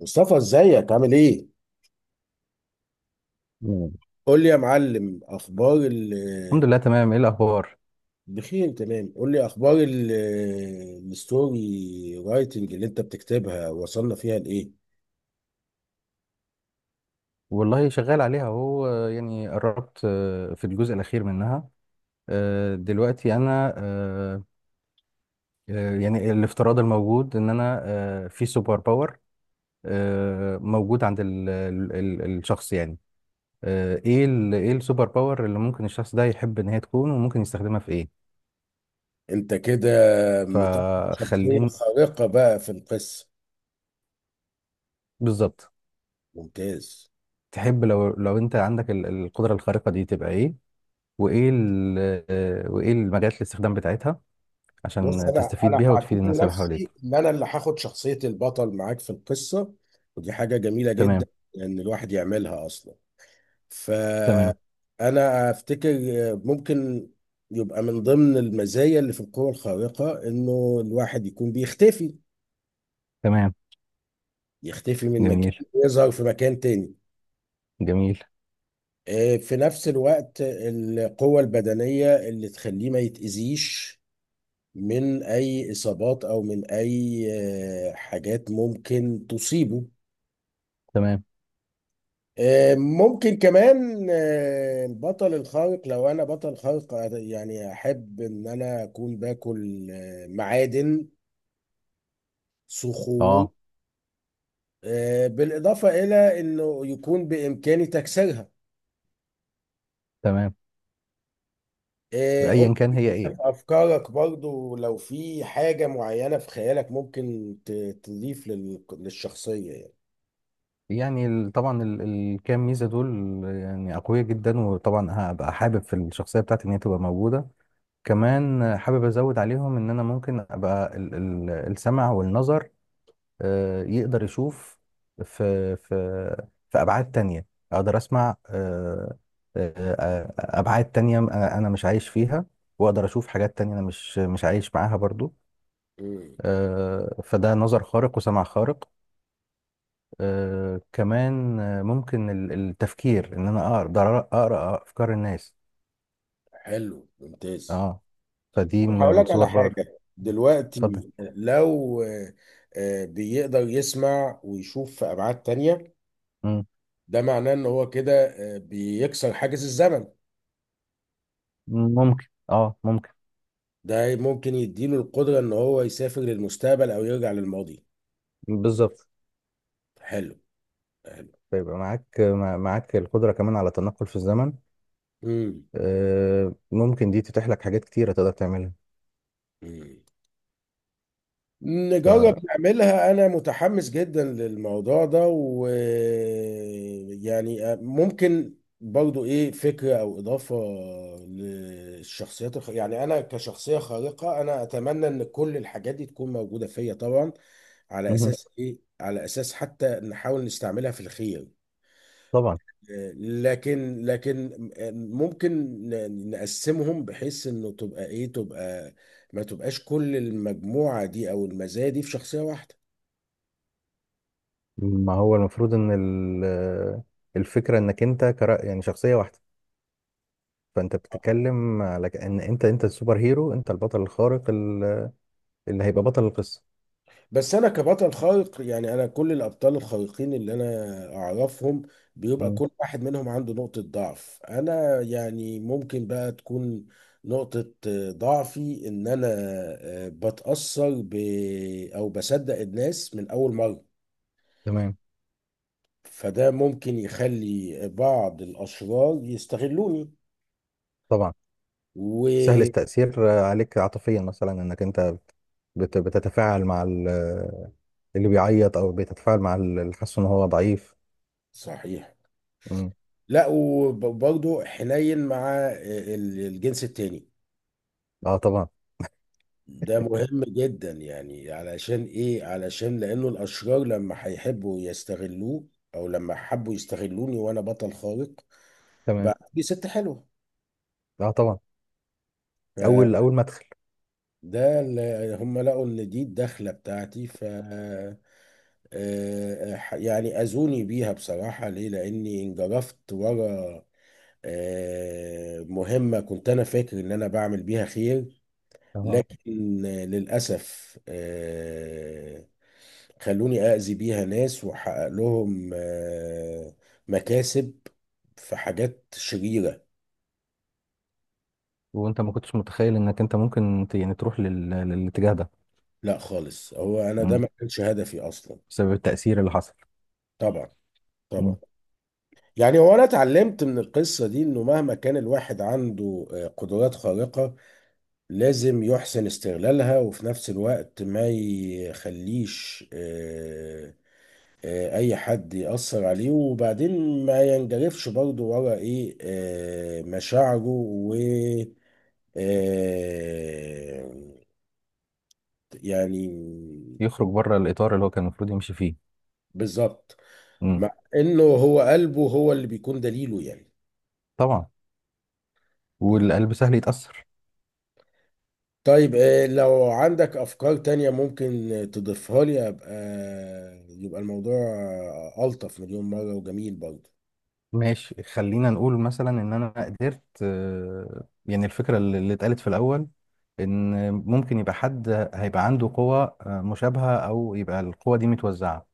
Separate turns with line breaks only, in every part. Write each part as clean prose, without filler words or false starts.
مصطفى ازيك عامل ايه؟
مم.
قول لي يا معلم اخبار ال
الحمد لله، تمام. ايه الاخبار؟
بخير تمام. قول لي اخبار ال الستوري رايتنج اللي انت بتكتبها وصلنا فيها لايه؟
والله شغال عليها اهو، يعني قربت، في الجزء الاخير منها. دلوقتي انا، يعني الافتراض الموجود ان انا في سوبر باور موجود عند الشخص، يعني ايه ايه السوبر باور اللي ممكن الشخص ده يحب ان هي تكون وممكن يستخدمها في ايه.
انت كده مطلع شخصية
فخليني.
خارقة بقى في القصة.
بالظبط.
ممتاز.
تحب لو انت عندك القدرة الخارقة دي تبقى ايه؟ وايه وايه المجالات الاستخدام بتاعتها
بص
عشان
انا
تستفيد بيها وتفيد
هعتبر
الناس اللي
نفسي
حواليك.
ان انا اللي هاخد شخصية البطل معاك في القصة، ودي حاجة جميلة جدا
تمام.
ان الواحد يعملها اصلا.
تمام.
فأنا أفتكر ممكن يبقى من ضمن المزايا اللي في القوة الخارقة إنه الواحد يكون بيختفي،
تمام.
يختفي من مكان،
جميل.
يظهر في مكان تاني.
جميل.
في نفس الوقت القوة البدنية اللي تخليه ما يتأذيش من أي إصابات أو من أي حاجات ممكن تصيبه.
تمام.
ممكن كمان البطل الخارق، لو انا بطل خارق، يعني احب ان انا اكون باكل معادن، صخور،
اه.
بالاضافه الى انه يكون بامكاني تكسيرها.
تمام.
قول
ايا كان هي
لي
ايه.
في افكارك برضو لو في حاجه معينه في خيالك ممكن تضيف للشخصيه يعني.
يعني طبعا الكام ميزه دول يعني اقوياء جدا، وطبعا هبقى حابب في الشخصيه بتاعتي ان هي تبقى موجوده. كمان حابب ازود عليهم ان انا ممكن ابقى السمع والنظر، يقدر يشوف في في في ابعاد تانية، اقدر اسمع ابعاد تانية، انا مش عايش فيها، واقدر اشوف حاجات تانية انا مش عايش معاها برضو.
مم،
فده نظر خارق وسمع خارق. كمان ممكن التفكير ان انا اقدر اقرا افكار الناس.
حلو، ممتاز.
اه. فدي
طب هقول
من
لك على
السوبر باور.
حاجة
اتفضل.
دلوقتي. لو بيقدر يسمع ويشوف في أبعاد تانية،
مم.
ده معناه إن هو كده بيكسر حاجز الزمن.
ممكن، اه، ممكن.
ده ممكن يديله القدرة إن هو يسافر للمستقبل أو يرجع للماضي.
بالظبط.
حلو، حلو.
فيبقى معاك القدرة كمان على التنقل في الزمن.
مم.
ممكن دي تتيح لك حاجات كتيرة تقدر تعملها.
مم.
ف...
نجرب نعملها، أنا متحمس جدا للموضوع ده. ويعني ممكن برضو إيه فكرة أو إضافة للشخصيات الخ... يعني أنا كشخصية خارقة أنا أتمنى إن كل الحاجات دي تكون موجودة فيا طبعا، على
مهم.
أساس إيه، على أساس حتى نحاول نستعملها في الخير.
طبعا.
لكن ممكن نقسمهم بحيث انه تبقى ايه، تبقى ما تبقاش كل المجموعة دي او المزايا دي في شخصية واحدة.
ما هو المفروض ان الفكرة انك انت، يعني شخصية واحدة. فانت بتتكلم على ان انت السوبر هيرو، انت البطل الخارق اللي هيبقى بطل القصة.
بس انا كبطل خارق، يعني انا كل الابطال الخارقين اللي انا اعرفهم بيبقى
مم.
كل واحد منهم عنده نقطة ضعف. انا يعني ممكن بقى تكون نقطة ضعفي ان انا بتأثر ب او بصدق الناس من اول مرة،
تمام.
فده ممكن يخلي بعض الاشرار يستغلوني
طبعا.
و
سهل التأثير عليك عاطفيا مثلا، انك انت بتتفاعل مع اللي بيعيط، او بيتفاعل مع اللي حاسس ان هو ضعيف.
صحيح.
مم.
لا، وبرضه حنين مع الجنس التاني.
اه، طبعا.
ده مهم جدا يعني، علشان ايه، علشان لانه الاشرار لما هيحبوا يستغلوه او لما حبوا يستغلوني وانا بطل خارق،
تمام.
بقى دي ست حلوه.
اه، طبعا. اول ما ادخل.
فده اللي هم لقوا ان دي الدخله بتاعتي، ف يعني اذوني بيها بصراحه. ليه؟ لاني انجرفت ورا مهمه كنت انا فاكر ان انا بعمل بيها خير، لكن للاسف خلوني أأذي بيها ناس وأحقق لهم مكاسب في حاجات شريرة.
وانت ما كنتش متخيل انك انت ممكن يعني تروح للاتجاه ده؟
لا خالص، هو أنا ده
مم.
ما كانش هدفي أصلا.
بسبب التأثير اللي حصل.
طبعا،
مم.
طبعا. يعني هو أنا اتعلمت من القصة دي إنه مهما كان الواحد عنده قدرات خارقة لازم يحسن استغلالها، وفي نفس الوقت ما يخليش اي حد يأثر عليه، وبعدين ما ينجرفش برضه ورا ايه مشاعره و آه، يعني
يخرج بره الإطار اللي هو كان المفروض يمشي فيه.
بالظبط.
مم.
مع انه هو قلبه هو اللي بيكون دليله يعني.
طبعا.
م.
والقلب سهل يتأثر.
طيب لو عندك افكار تانية ممكن تضيفها لي ابقى يبقى الموضوع الطف مليون مرة وجميل برضه.
ماشي، خلينا نقول مثلا ان انا قدرت، يعني الفكرة اللي اتقالت في الأول ان ممكن يبقى حد هيبقى عنده قوة مشابهة، او يبقى القوة دي متوزعة.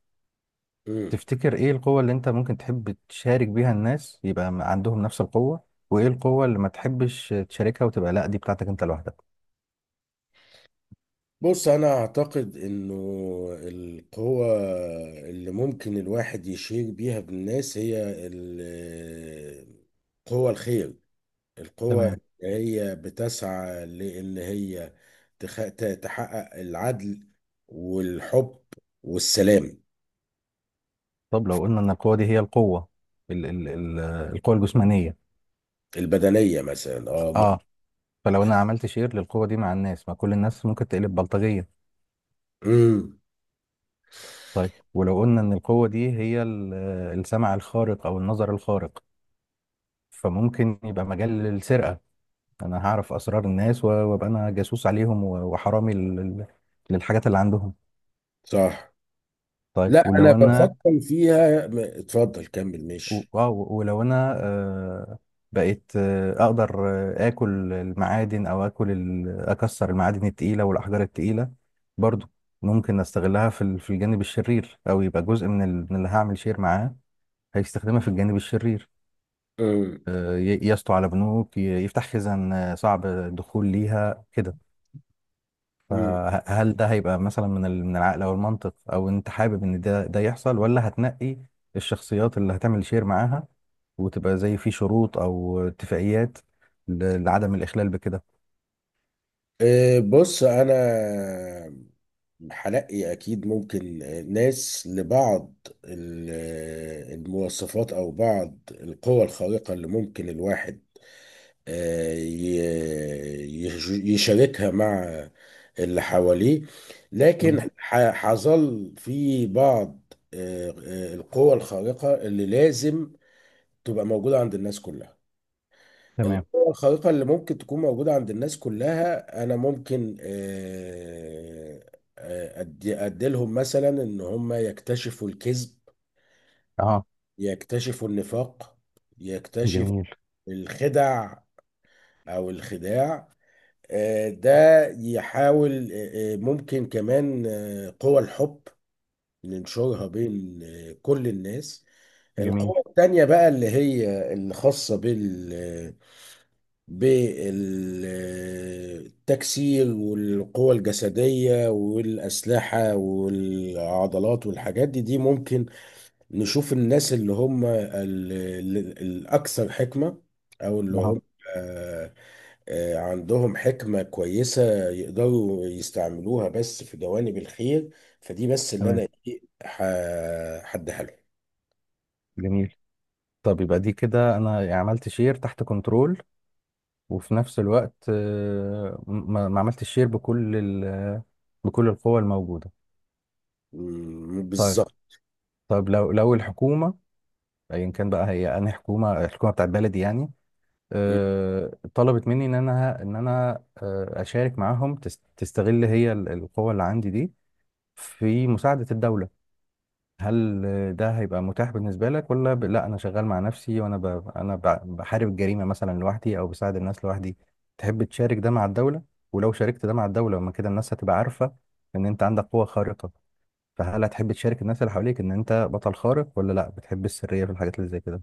م.
تفتكر ايه القوة اللي انت ممكن تحب تشارك بيها الناس يبقى عندهم نفس القوة؟ وايه القوة اللي ما تحبش تشاركها وتبقى لا دي بتاعتك انت لوحدك؟
بص انا اعتقد انه القوة اللي ممكن الواحد يشير بيها بالناس هي قوة الخير، القوة
تمام.
اللي هي بتسعى لان هي تحقق العدل والحب والسلام.
طب لو قلنا ان القوة دي هي القوة، ال ال ال القوة الجسمانية.
البدنية مثلا، اه ممكن.
اه. فلو انا عملت شير للقوة دي مع الناس، ما كل الناس ممكن تقلب بلطجية.
امم،
طيب، ولو قلنا ان القوة دي هي السمع الخارق او النظر الخارق، فممكن يبقى مجال للسرقة. انا هعرف اسرار الناس، وابقى انا جاسوس عليهم، وحرامي للحاجات اللي عندهم.
صح.
طيب،
لا
ولو
انا
انا،
بفكر فيها. اتفضل كمل، ماشي.
ولو انا بقيت اقدر اكل المعادن، او اكل اكسر المعادن التقيله والاحجار التقيله برضو، ممكن استغلها في في الجانب الشرير، او يبقى جزء من من اللي هعمل شير معاه هيستخدمها في الجانب الشرير.
امم.
يسطو على بنوك، يفتح خزان صعب الدخول ليها كده.
امم.
فهل ده هيبقى مثلا من من العقل او المنطق، او انت حابب ان ده يحصل، ولا هتنقي الشخصيات اللي هتعمل شير معاها وتبقى زي في شروط او اتفاقيات لعدم الاخلال بكده؟
إيه، بص انا هلاقي اكيد ممكن ناس لبعض ال- المواصفات او بعض القوى الخارقة اللي ممكن الواحد آه، ي- يشاركها مع اللي حواليه.
آه،
لكن حظل في بعض القوى الخارقة اللي لازم تبقى موجودة عند الناس كلها.
تمام.
القوة الخارقة اللي ممكن تكون موجودة عند الناس كلها أنا ممكن أديلهم مثلا إن هم يكتشفوا الكذب،
اه.
يكتشفوا النفاق، يكتشفوا
جميل.
الخدع أو الخداع. ده يحاول ممكن كمان قوى الحب ننشرها بين كل الناس.
جميل.
القوة التانية بقى اللي هي الخاصة بالتكسير والقوة الجسدية والأسلحة والعضلات والحاجات دي، ممكن نشوف الناس اللي هم الأكثر حكمة، أو اللي
اه.
هم آه، عندهم حكمة كويسة يقدروا يستعملوها بس في جوانب الخير، فدي بس اللي
تمام.
أنا إيه هديها لهم.
جميل. طب يبقى دي كده انا يعني عملت شير تحت كنترول، وفي نفس الوقت ما عملتش شير بكل بكل القوى الموجوده.
مم،
طيب.
بالظبط.
طيب، لو الحكومه، ايا كان بقى هي، انا حكومه، الحكومه بتاعت بلدي يعني، طلبت مني ان انا اشارك معاهم، تستغل هي القوه اللي عندي دي في مساعدة الدولة، هل ده هيبقى متاح بالنسبة لك؟ ولا لا، أنا شغال مع نفسي، وأنا أنا ب... بحارب الجريمة مثلا لوحدي، أو بساعد الناس لوحدي. تحب تشارك ده مع الدولة؟ ولو شاركت ده مع الدولة، ما كده الناس هتبقى عارفة إن أنت عندك قوة خارقة. فهل هتحب تشارك الناس اللي حواليك إن أنت بطل خارق، ولا لا بتحب السرية في الحاجات اللي زي كده؟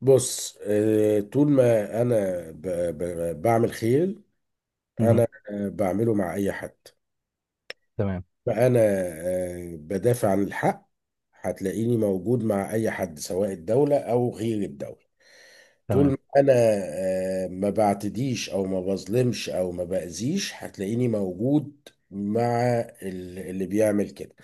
بص طول ما انا ب- بعمل خير
مهم.
انا بعمله مع اي حد.
تمام.
ما انا بدافع عن الحق، هتلاقيني موجود مع اي حد سواء الدولة او غير الدولة. طول
تمام.
ما انا ما بعتديش او ما بظلمش او ما باذيش هتلاقيني موجود مع اللي بيعمل كده.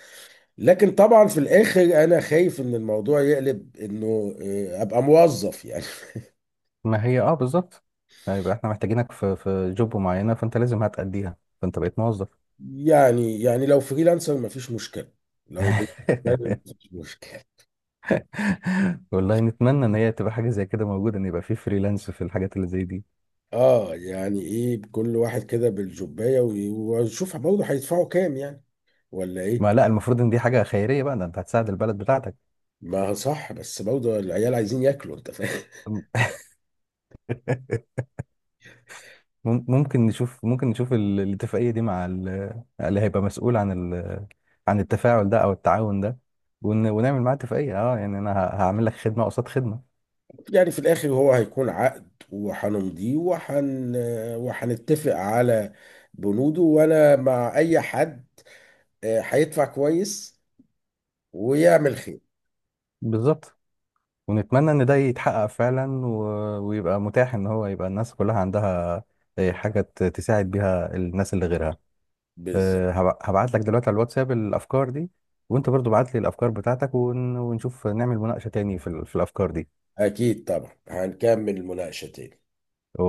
لكن طبعا في الاخر انا خايف ان الموضوع يقلب انه ابقى موظف يعني.
ما هي أه، بالظبط. هيبقى إحنا محتاجينك في جوب معينة، فأنت لازم هتأديها. فأنت بقيت موظف.
يعني لو فريلانسر مفيش مشكلة، لو بالنسبة لي مفيش مشكلة.
والله نتمنى ان هي تبقى حاجه زي كده موجوده، ان يبقى في فريلانس في الحاجات اللي زي دي.
اه يعني ايه، كل واحد كده بالجوباية، ونشوف برضه هيدفعوا كام يعني، ولا ايه؟
ما لا، المفروض ان دي حاجه خيريه بقى، ده انت هتساعد البلد بتاعتك.
ما هو صح، بس برضه العيال عايزين ياكلوا، انت فاهم.
ممكن نشوف، ممكن نشوف الاتفاقيه دي مع اللي هيبقى مسؤول عن عن التفاعل ده، او التعاون ده، ونعمل معاه اتفاقيه، اه يعني انا هعمل لك خدمه قصاد خدمه.
يعني في الاخر هو هيكون عقد وهنمضيه وهنتفق على بنوده، وانا مع اي حد هيدفع كويس ويعمل خير.
بالظبط. ونتمنى ان ده يتحقق فعلا، ويبقى متاح ان هو يبقى الناس كلها عندها حاجه تساعد بيها الناس اللي غيرها.
بالظبط.
هبعت لك دلوقتي على الواتساب الافكار دي، وانت برضو بعت لي الافكار بتاعتك، ونشوف نعمل مناقشة تاني في في الافكار
اكيد طبعا هنكمل المناقشة تاني.
دي.